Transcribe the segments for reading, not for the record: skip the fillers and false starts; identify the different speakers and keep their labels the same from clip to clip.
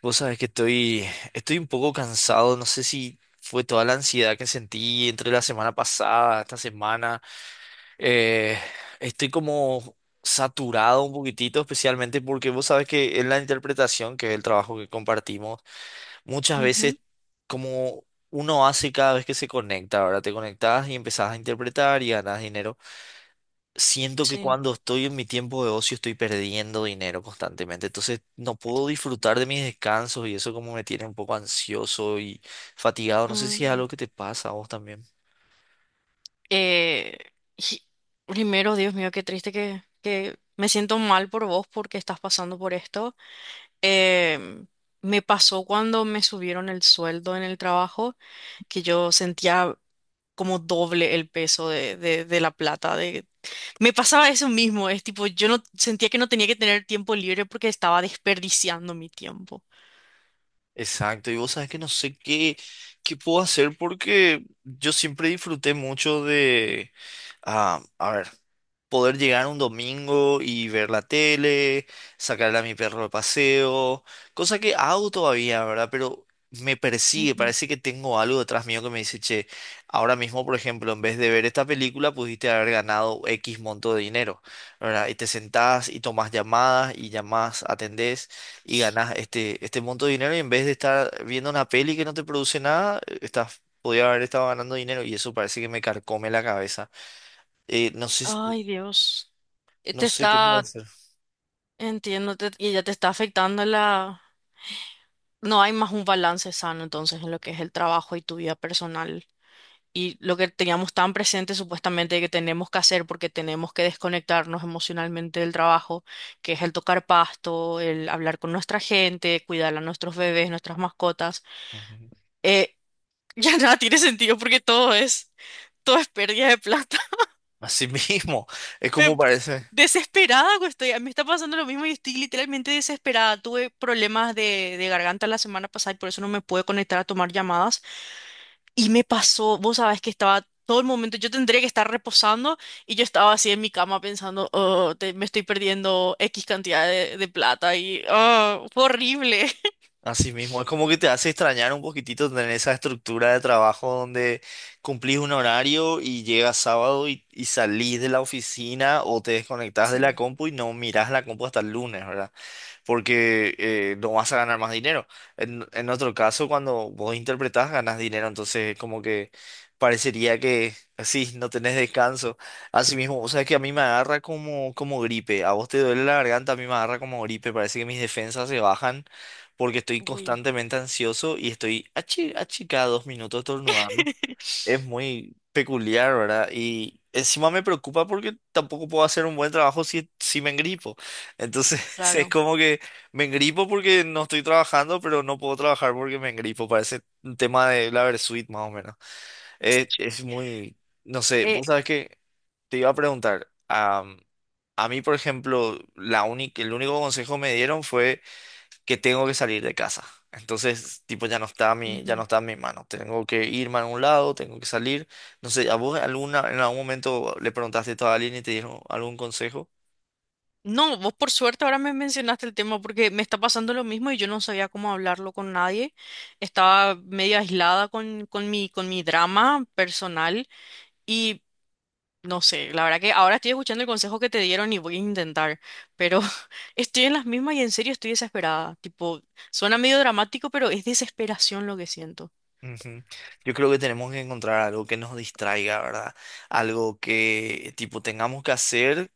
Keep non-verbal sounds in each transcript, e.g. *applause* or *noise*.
Speaker 1: Vos sabés que estoy un poco cansado, no sé si fue toda la ansiedad que sentí entre la semana pasada, esta semana. Eh, Estoy como saturado un poquitito, especialmente porque vos sabés que en la interpretación, que es el trabajo que compartimos, muchas
Speaker 2: Ujú.
Speaker 1: veces como uno hace cada vez que se conecta, ahora te conectás y empezás a interpretar y ganas dinero, siento que
Speaker 2: Sí.
Speaker 1: cuando estoy en mi tiempo de ocio estoy perdiendo dinero constantemente, entonces no puedo disfrutar de mis descansos y eso como me tiene un poco ansioso y fatigado. No sé si es
Speaker 2: Mm,
Speaker 1: algo que te pasa a vos también.
Speaker 2: eh, y- Primero, Dios mío, qué triste que me siento mal por vos porque estás pasando por esto. Em, Me pasó cuando me subieron el sueldo en el trabajo, que yo sentía como doble el peso de la plata. De... Me pasaba eso mismo, es tipo, yo no sentía que no tenía que tener tiempo libre porque estaba desperdiciando mi tiempo.
Speaker 1: Exacto, y vos sabes que no sé qué, qué puedo hacer porque yo siempre disfruté mucho de, ah, a ver, poder llegar un domingo y ver la tele, sacarle a mi perro de paseo, cosa que hago todavía, ¿verdad? Pero me persigue,
Speaker 2: Ujú.
Speaker 1: parece que tengo algo detrás mío que me dice, che, ahora mismo, por ejemplo, en vez de ver esta película, pudiste haber ganado X monto de dinero, ¿verdad? Y te sentás y tomás llamadas y llamás, atendés y ganás este monto de dinero y en vez de estar viendo una peli que no te produce nada, estás... Podría haber estado ganando dinero y eso parece que me carcome la cabeza. Eh, no sé,
Speaker 2: Ay, Dios.
Speaker 1: no
Speaker 2: Te
Speaker 1: sé qué puedo
Speaker 2: está,
Speaker 1: hacer.
Speaker 2: Entiendo, y ya te está afectando la... No hay más un balance sano entonces en lo que es el trabajo y tu vida personal. Y lo que teníamos tan presente supuestamente que tenemos que hacer porque tenemos que desconectarnos emocionalmente del trabajo, que es el tocar pasto, el hablar con nuestra gente, cuidar a nuestros bebés, nuestras mascotas,
Speaker 1: Ujú.
Speaker 2: eh, *laughs* ya nada tiene sentido porque todo es pérdida de plata.
Speaker 1: Así *laughs* mismo, es como
Speaker 2: pe-
Speaker 1: parece.
Speaker 2: Desesperada que estoy. Me está pasando lo mismo y estoy literalmente desesperada. Tuve problemas de garganta la semana pasada y por eso no me pude conectar a tomar llamadas. Y me pasó, vos sabés que estaba todo el momento, yo tendría que estar reposando y yo estaba así en mi cama pensando, oh, me estoy perdiendo X cantidad de plata y oh, fue horrible. *laughs*
Speaker 1: Así mismo, es como que te hace extrañar un poquitito tener esa estructura de trabajo donde cumplís un horario y llegas sábado y salís de la oficina o te desconectás de
Speaker 2: Sí,
Speaker 1: la compu y no mirás la compu hasta el lunes, ¿verdad? Porque no vas a ganar más dinero. En otro caso, cuando vos interpretás, ganas dinero, entonces como que parecería que sí, no tenés descanso. Así mismo, o sea, que a mí me agarra como gripe, a vos te duele la garganta, a mí me agarra como gripe, parece que mis defensas se bajan porque estoy
Speaker 2: uy,
Speaker 1: constantemente ansioso y estoy achi, achica dos minutos estornudando. Es
Speaker 2: *laughs*
Speaker 1: muy peculiar, ¿verdad? Y encima me preocupa porque tampoco puedo hacer un buen trabajo si me engripo. Entonces *laughs* es
Speaker 2: claro.
Speaker 1: como que me engripo porque no estoy trabajando, pero no puedo trabajar porque me engripo. Parece un tema de la Versuit más o menos. Es muy, no sé,
Speaker 2: Eh,
Speaker 1: vos sabés que te iba a preguntar, a mí, por ejemplo, el único consejo que me dieron fue que tengo que salir de casa. Entonces, tipo, ya no
Speaker 2: ujú.
Speaker 1: está en mi mano. Tengo que irme a un lado, tengo que salir. No sé, ¿a vos alguna, en algún momento le preguntaste esto a alguien y te dieron algún consejo?
Speaker 2: No, vos por suerte ahora me mencionaste el tema porque me está pasando lo mismo y yo no sabía cómo hablarlo con nadie. Estaba medio aislada con mi drama personal y no sé, la verdad que ahora estoy escuchando el consejo que te dieron y voy a intentar, pero *laughs* estoy en las mismas y en serio estoy desesperada. Tipo, suena medio dramático, pero es desesperación lo que siento.
Speaker 1: Ujú. Yo creo que tenemos que encontrar algo que nos distraiga, ¿verdad? Algo que tipo tengamos que hacer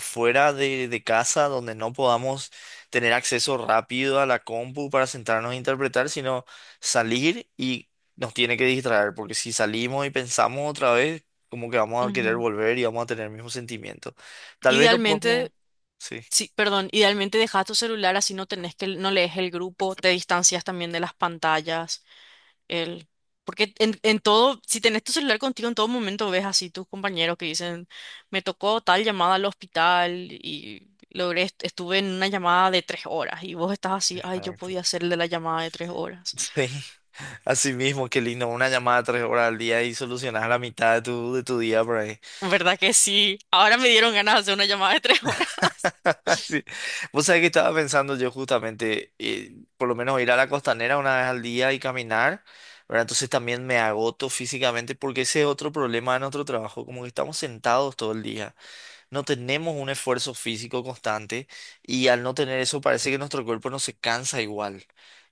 Speaker 1: fuera de casa, donde no podamos tener acceso rápido a la compu para sentarnos a interpretar, sino salir y nos tiene que distraer, porque si salimos y pensamos otra vez, como que vamos a querer
Speaker 2: Ujú.
Speaker 1: volver y vamos a tener el mismo sentimiento. Tal vez no podemos...
Speaker 2: Idealmente,
Speaker 1: Sí.
Speaker 2: sí, perdón, idealmente dejas tu celular así no tenés que, no lees el grupo, te distancias también de las pantallas. El, en todo, si tenés tu celular contigo en todo momento, ves así tus compañeros que dicen, me tocó tal llamada al hospital y logré, estuve en una llamada de tres horas y vos estás así, ay, yo
Speaker 1: Exacto.
Speaker 2: podía hacer el de la llamada de tres horas.
Speaker 1: Sí, así mismo, qué lindo. Una llamada 3 horas al día y solucionas la mitad de tu día por ahí.
Speaker 2: ¿Verdad que sí? Ahora me dieron ganas de hacer una llamada de tres *laughs* horas.
Speaker 1: *laughs* Sí. Vos sabés que estaba pensando yo justamente, por lo menos ir a la costanera una vez al día y caminar, ¿verdad? Entonces también me agoto físicamente porque ese es otro problema de nuestro trabajo, como que estamos sentados todo el día. No tenemos un esfuerzo físico constante y al no tener eso parece que nuestro cuerpo no se cansa igual.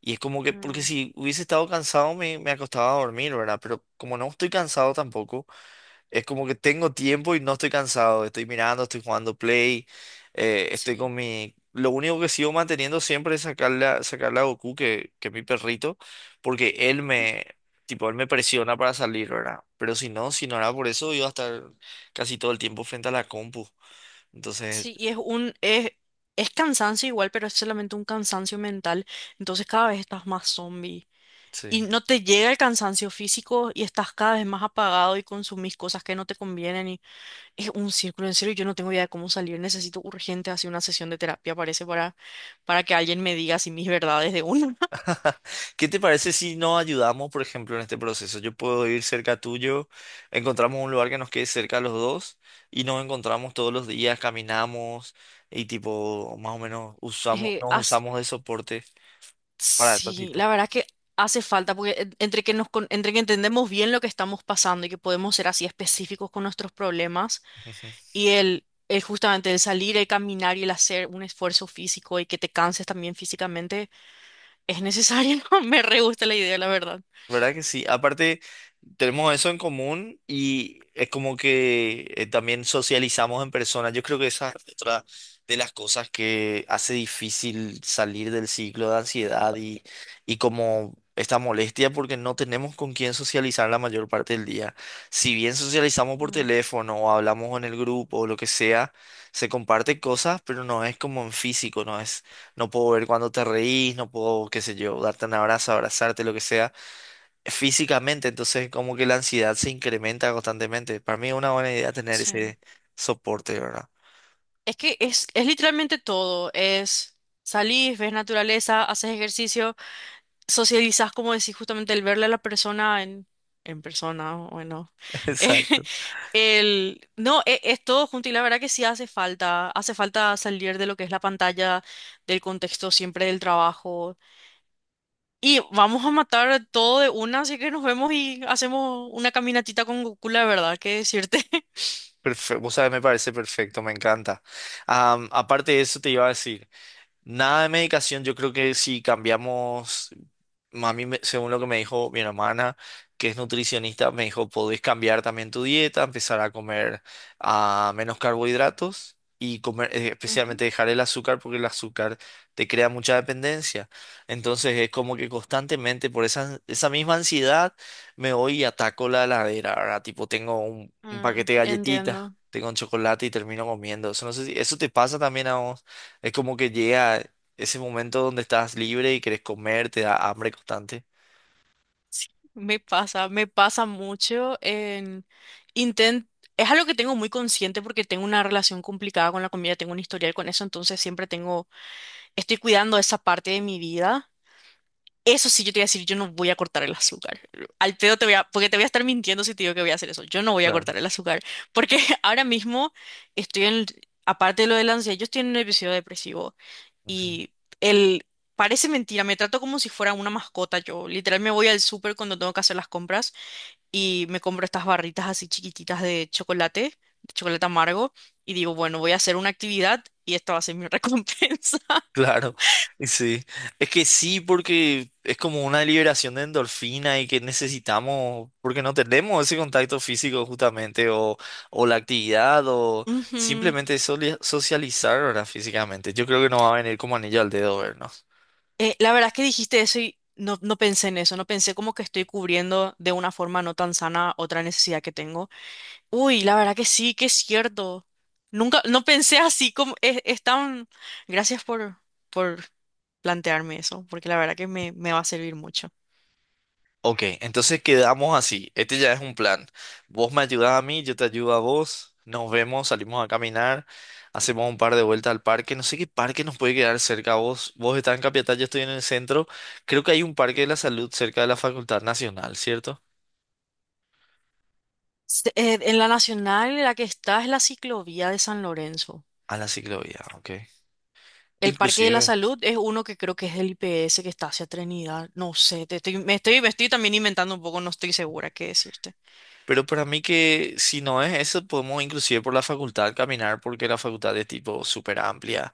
Speaker 1: Y es como que, porque
Speaker 2: Mm.
Speaker 1: si hubiese estado cansado me acostaba a dormir, ¿verdad? Pero como no estoy cansado tampoco, es como que tengo tiempo y no estoy cansado. Estoy mirando, estoy jugando play, estoy
Speaker 2: Sí,
Speaker 1: con mi... Lo único que sigo manteniendo siempre es sacarle a Goku, que es mi perrito, porque tipo, él me presiona para salir, ¿verdad? Pero si no, si no era por eso, iba a estar casi todo el tiempo frente a la compu. Entonces,
Speaker 2: sí, y es un, es, es cansancio igual, pero es solamente un cansancio mental. Entonces cada vez estás más zombie.
Speaker 1: sí.
Speaker 2: Y no te llega el cansancio físico y estás cada vez más apagado y consumís cosas que no te convienen y es un círculo en serio, yo no tengo idea de cómo salir, necesito urgente así una sesión de terapia, parece, para que alguien me diga así mis verdades de una. *laughs*
Speaker 1: *laughs* ¿Qué te parece si nos ayudamos, por ejemplo, en este proceso? Yo puedo ir cerca tuyo, encontramos un lugar que nos quede cerca a los dos y nos encontramos todos los días, caminamos y tipo, más o menos usamos,
Speaker 2: Eh,
Speaker 1: nos
Speaker 2: as-
Speaker 1: usamos de soporte para el
Speaker 2: sí,
Speaker 1: ratito.
Speaker 2: la verdad que hace falta, porque entre que entendemos bien lo que estamos pasando y que podemos ser así específicos con nuestros problemas
Speaker 1: *laughs*
Speaker 2: y el justamente el salir, el caminar y el hacer un esfuerzo físico y que te canses también físicamente. Es necesario, *laughs* me re gusta la idea, la verdad.
Speaker 1: ¿Verdad que sí? Aparte, tenemos eso en común y es como que también socializamos en persona. Yo creo que esa es otra de las cosas que hace difícil salir del ciclo de y como esta molestia porque no tenemos con quién socializar la mayor parte del día. Si bien socializamos por
Speaker 2: Mm.
Speaker 1: teléfono o hablamos en el grupo o lo que sea, se comparte cosas, pero no es como en físico, no puedo ver cuando te reís, no puedo, qué sé yo, darte un abrazo, abrazarte, lo que sea físicamente, entonces como que la ansiedad se incrementa constantemente. Para mí es una buena idea tener
Speaker 2: Sí.
Speaker 1: ese soporte, ¿verdad?
Speaker 2: Es es literalmente todo. Es salís, ves naturaleza, haces ejercicio, socializás, como decís, justamente el verle a la persona en persona, bueno.
Speaker 1: *laughs*
Speaker 2: *laughs*
Speaker 1: Exacto.
Speaker 2: El, no, e- Es todo junto y la verdad que sí hace falta. Hace falta salir de lo que es la pantalla, del contexto siempre del trabajo. Y vamos a matar todo de una, así que nos vemos y hacemos una caminatita con Goku, la verdad, que decirte.
Speaker 1: Perfecto. Vos sabés, me parece perfecto, me encanta. Aparte de eso, te iba a decir. Nada de medicación, yo creo que si cambiamos, según lo que me dijo mi hermana, que es nutricionista, me dijo, podés cambiar también tu dieta, empezar a comer, ah, menos carbohidratos y comer,
Speaker 2: Ujú.
Speaker 1: especialmente dejar el azúcar porque el azúcar te crea mucha dependencia. Entonces es como que constantemente por esa misma ansiedad me voy y ataco la heladera, ¿verdad? Tipo, tengo un
Speaker 2: Mm,
Speaker 1: paquete de galletitas,
Speaker 2: entiendo.
Speaker 1: tengo un chocolate y termino comiendo. Eso no sé si, ¿eso te pasa también a vos? Es como que llega ese momento donde estás libre y querés comer, te da hambre constante.
Speaker 2: Me pasa mucho en intent es algo que tengo muy consciente porque tengo una relación complicada con la comida, tengo un historial con eso, entonces siempre tengo, estoy cuidando esa parte de mi vida. Eso sí, yo te voy a decir, yo no voy a cortar el azúcar. Al pedo te voy a, porque te voy a estar mintiendo si te digo que voy a hacer eso. Yo no voy a
Speaker 1: Claro.
Speaker 2: cortar el azúcar, porque *laughs* ahora mismo estoy en, aparte de lo de la ansiedad, yo estoy en un episodio depresivo
Speaker 1: Ujú.
Speaker 2: y el, parece mentira, me trato como si fuera una mascota. Yo literal me voy al súper cuando tengo que hacer las compras y me compro estas barritas así chiquititas de chocolate amargo, y digo, bueno, voy a hacer una actividad y esta va a ser mi *laughs* recompensa.
Speaker 1: Claro, *laughs* sí. Es que sí, porque es como una liberación de endorfina y que necesitamos, porque no tenemos ese contacto físico justamente, o la actividad, o
Speaker 2: Ujú.
Speaker 1: simplemente soli- socializar ahora físicamente. Yo creo que nos va a venir como anillo al dedo vernos.
Speaker 2: La verdad es que dijiste eso y no, no pensé en eso, no pensé como que estoy cubriendo de una forma no tan sana otra necesidad que tengo. Uy, la verdad que sí, que es cierto. Nunca, no pensé así como es tan... Gracias por plantearme eso, porque la verdad que me va a servir mucho.
Speaker 1: Ok, entonces quedamos así. Este ya es un plan. Vos me ayudás a mí, yo te ayudo a vos. Nos vemos, salimos a caminar, hacemos un par de vueltas al parque. No sé qué parque nos puede quedar cerca a vos. Vos estás en Capiatá, yo estoy en el centro. Creo que hay un parque de la salud cerca de la Facultad Nacional, ¿cierto?
Speaker 2: En la nacional, la que está es la ciclovía de San Lorenzo.
Speaker 1: A la ciclovía, ok.
Speaker 2: El Parque de la
Speaker 1: Inclusive.
Speaker 2: Salud es uno que creo que es del IPS que está hacia Trinidad. No sé, te estoy, me estoy, me estoy también inventando un poco, no estoy segura qué decirte.
Speaker 1: Pero para mí que si no es eso, podemos inclusive por la facultad caminar porque la facultad es tipo súper amplia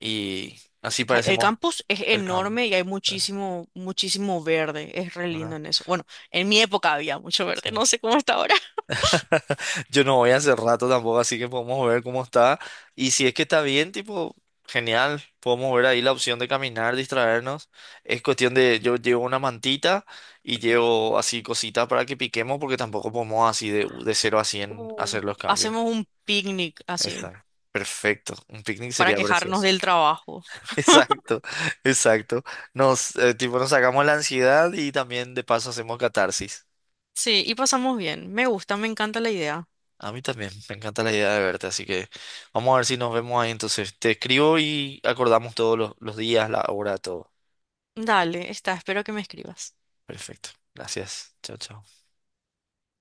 Speaker 1: y así
Speaker 2: Ay, el
Speaker 1: parecemos
Speaker 2: campus es
Speaker 1: el campo.
Speaker 2: enorme y hay muchísimo, muchísimo verde. Es re lindo
Speaker 1: ¿Verdad?
Speaker 2: en eso. Bueno, en mi época había mucho verde,
Speaker 1: Sí.
Speaker 2: no sé cómo está ahora. *laughs*
Speaker 1: *laughs* Yo no voy hace rato tampoco, así que podemos ver cómo está. Y si es que está bien, tipo, genial. Podemos ver ahí la opción de caminar, distraernos. Es cuestión de, yo llevo una mantita y llevo así cositas para que piquemos, porque tampoco podemos así de 0 a 100
Speaker 2: Uh.
Speaker 1: hacer los cambios.
Speaker 2: Hacemos un picnic así
Speaker 1: Exacto. Perfecto. Un picnic
Speaker 2: para
Speaker 1: sería
Speaker 2: quejarnos
Speaker 1: precioso.
Speaker 2: del trabajo.
Speaker 1: *laughs* Exacto, exacto. Tipo, nos sacamos la ansiedad y también de paso hacemos catarsis.
Speaker 2: Sí, y pasamos bien. Me gusta, me encanta la idea.
Speaker 1: A mí también, me encanta la idea de verte, así que vamos a ver si nos vemos ahí entonces. Te escribo y acordamos los días, la hora, todo.
Speaker 2: Dale, está, espero que me escribas.
Speaker 1: Perfecto. Gracias. Chao, chao.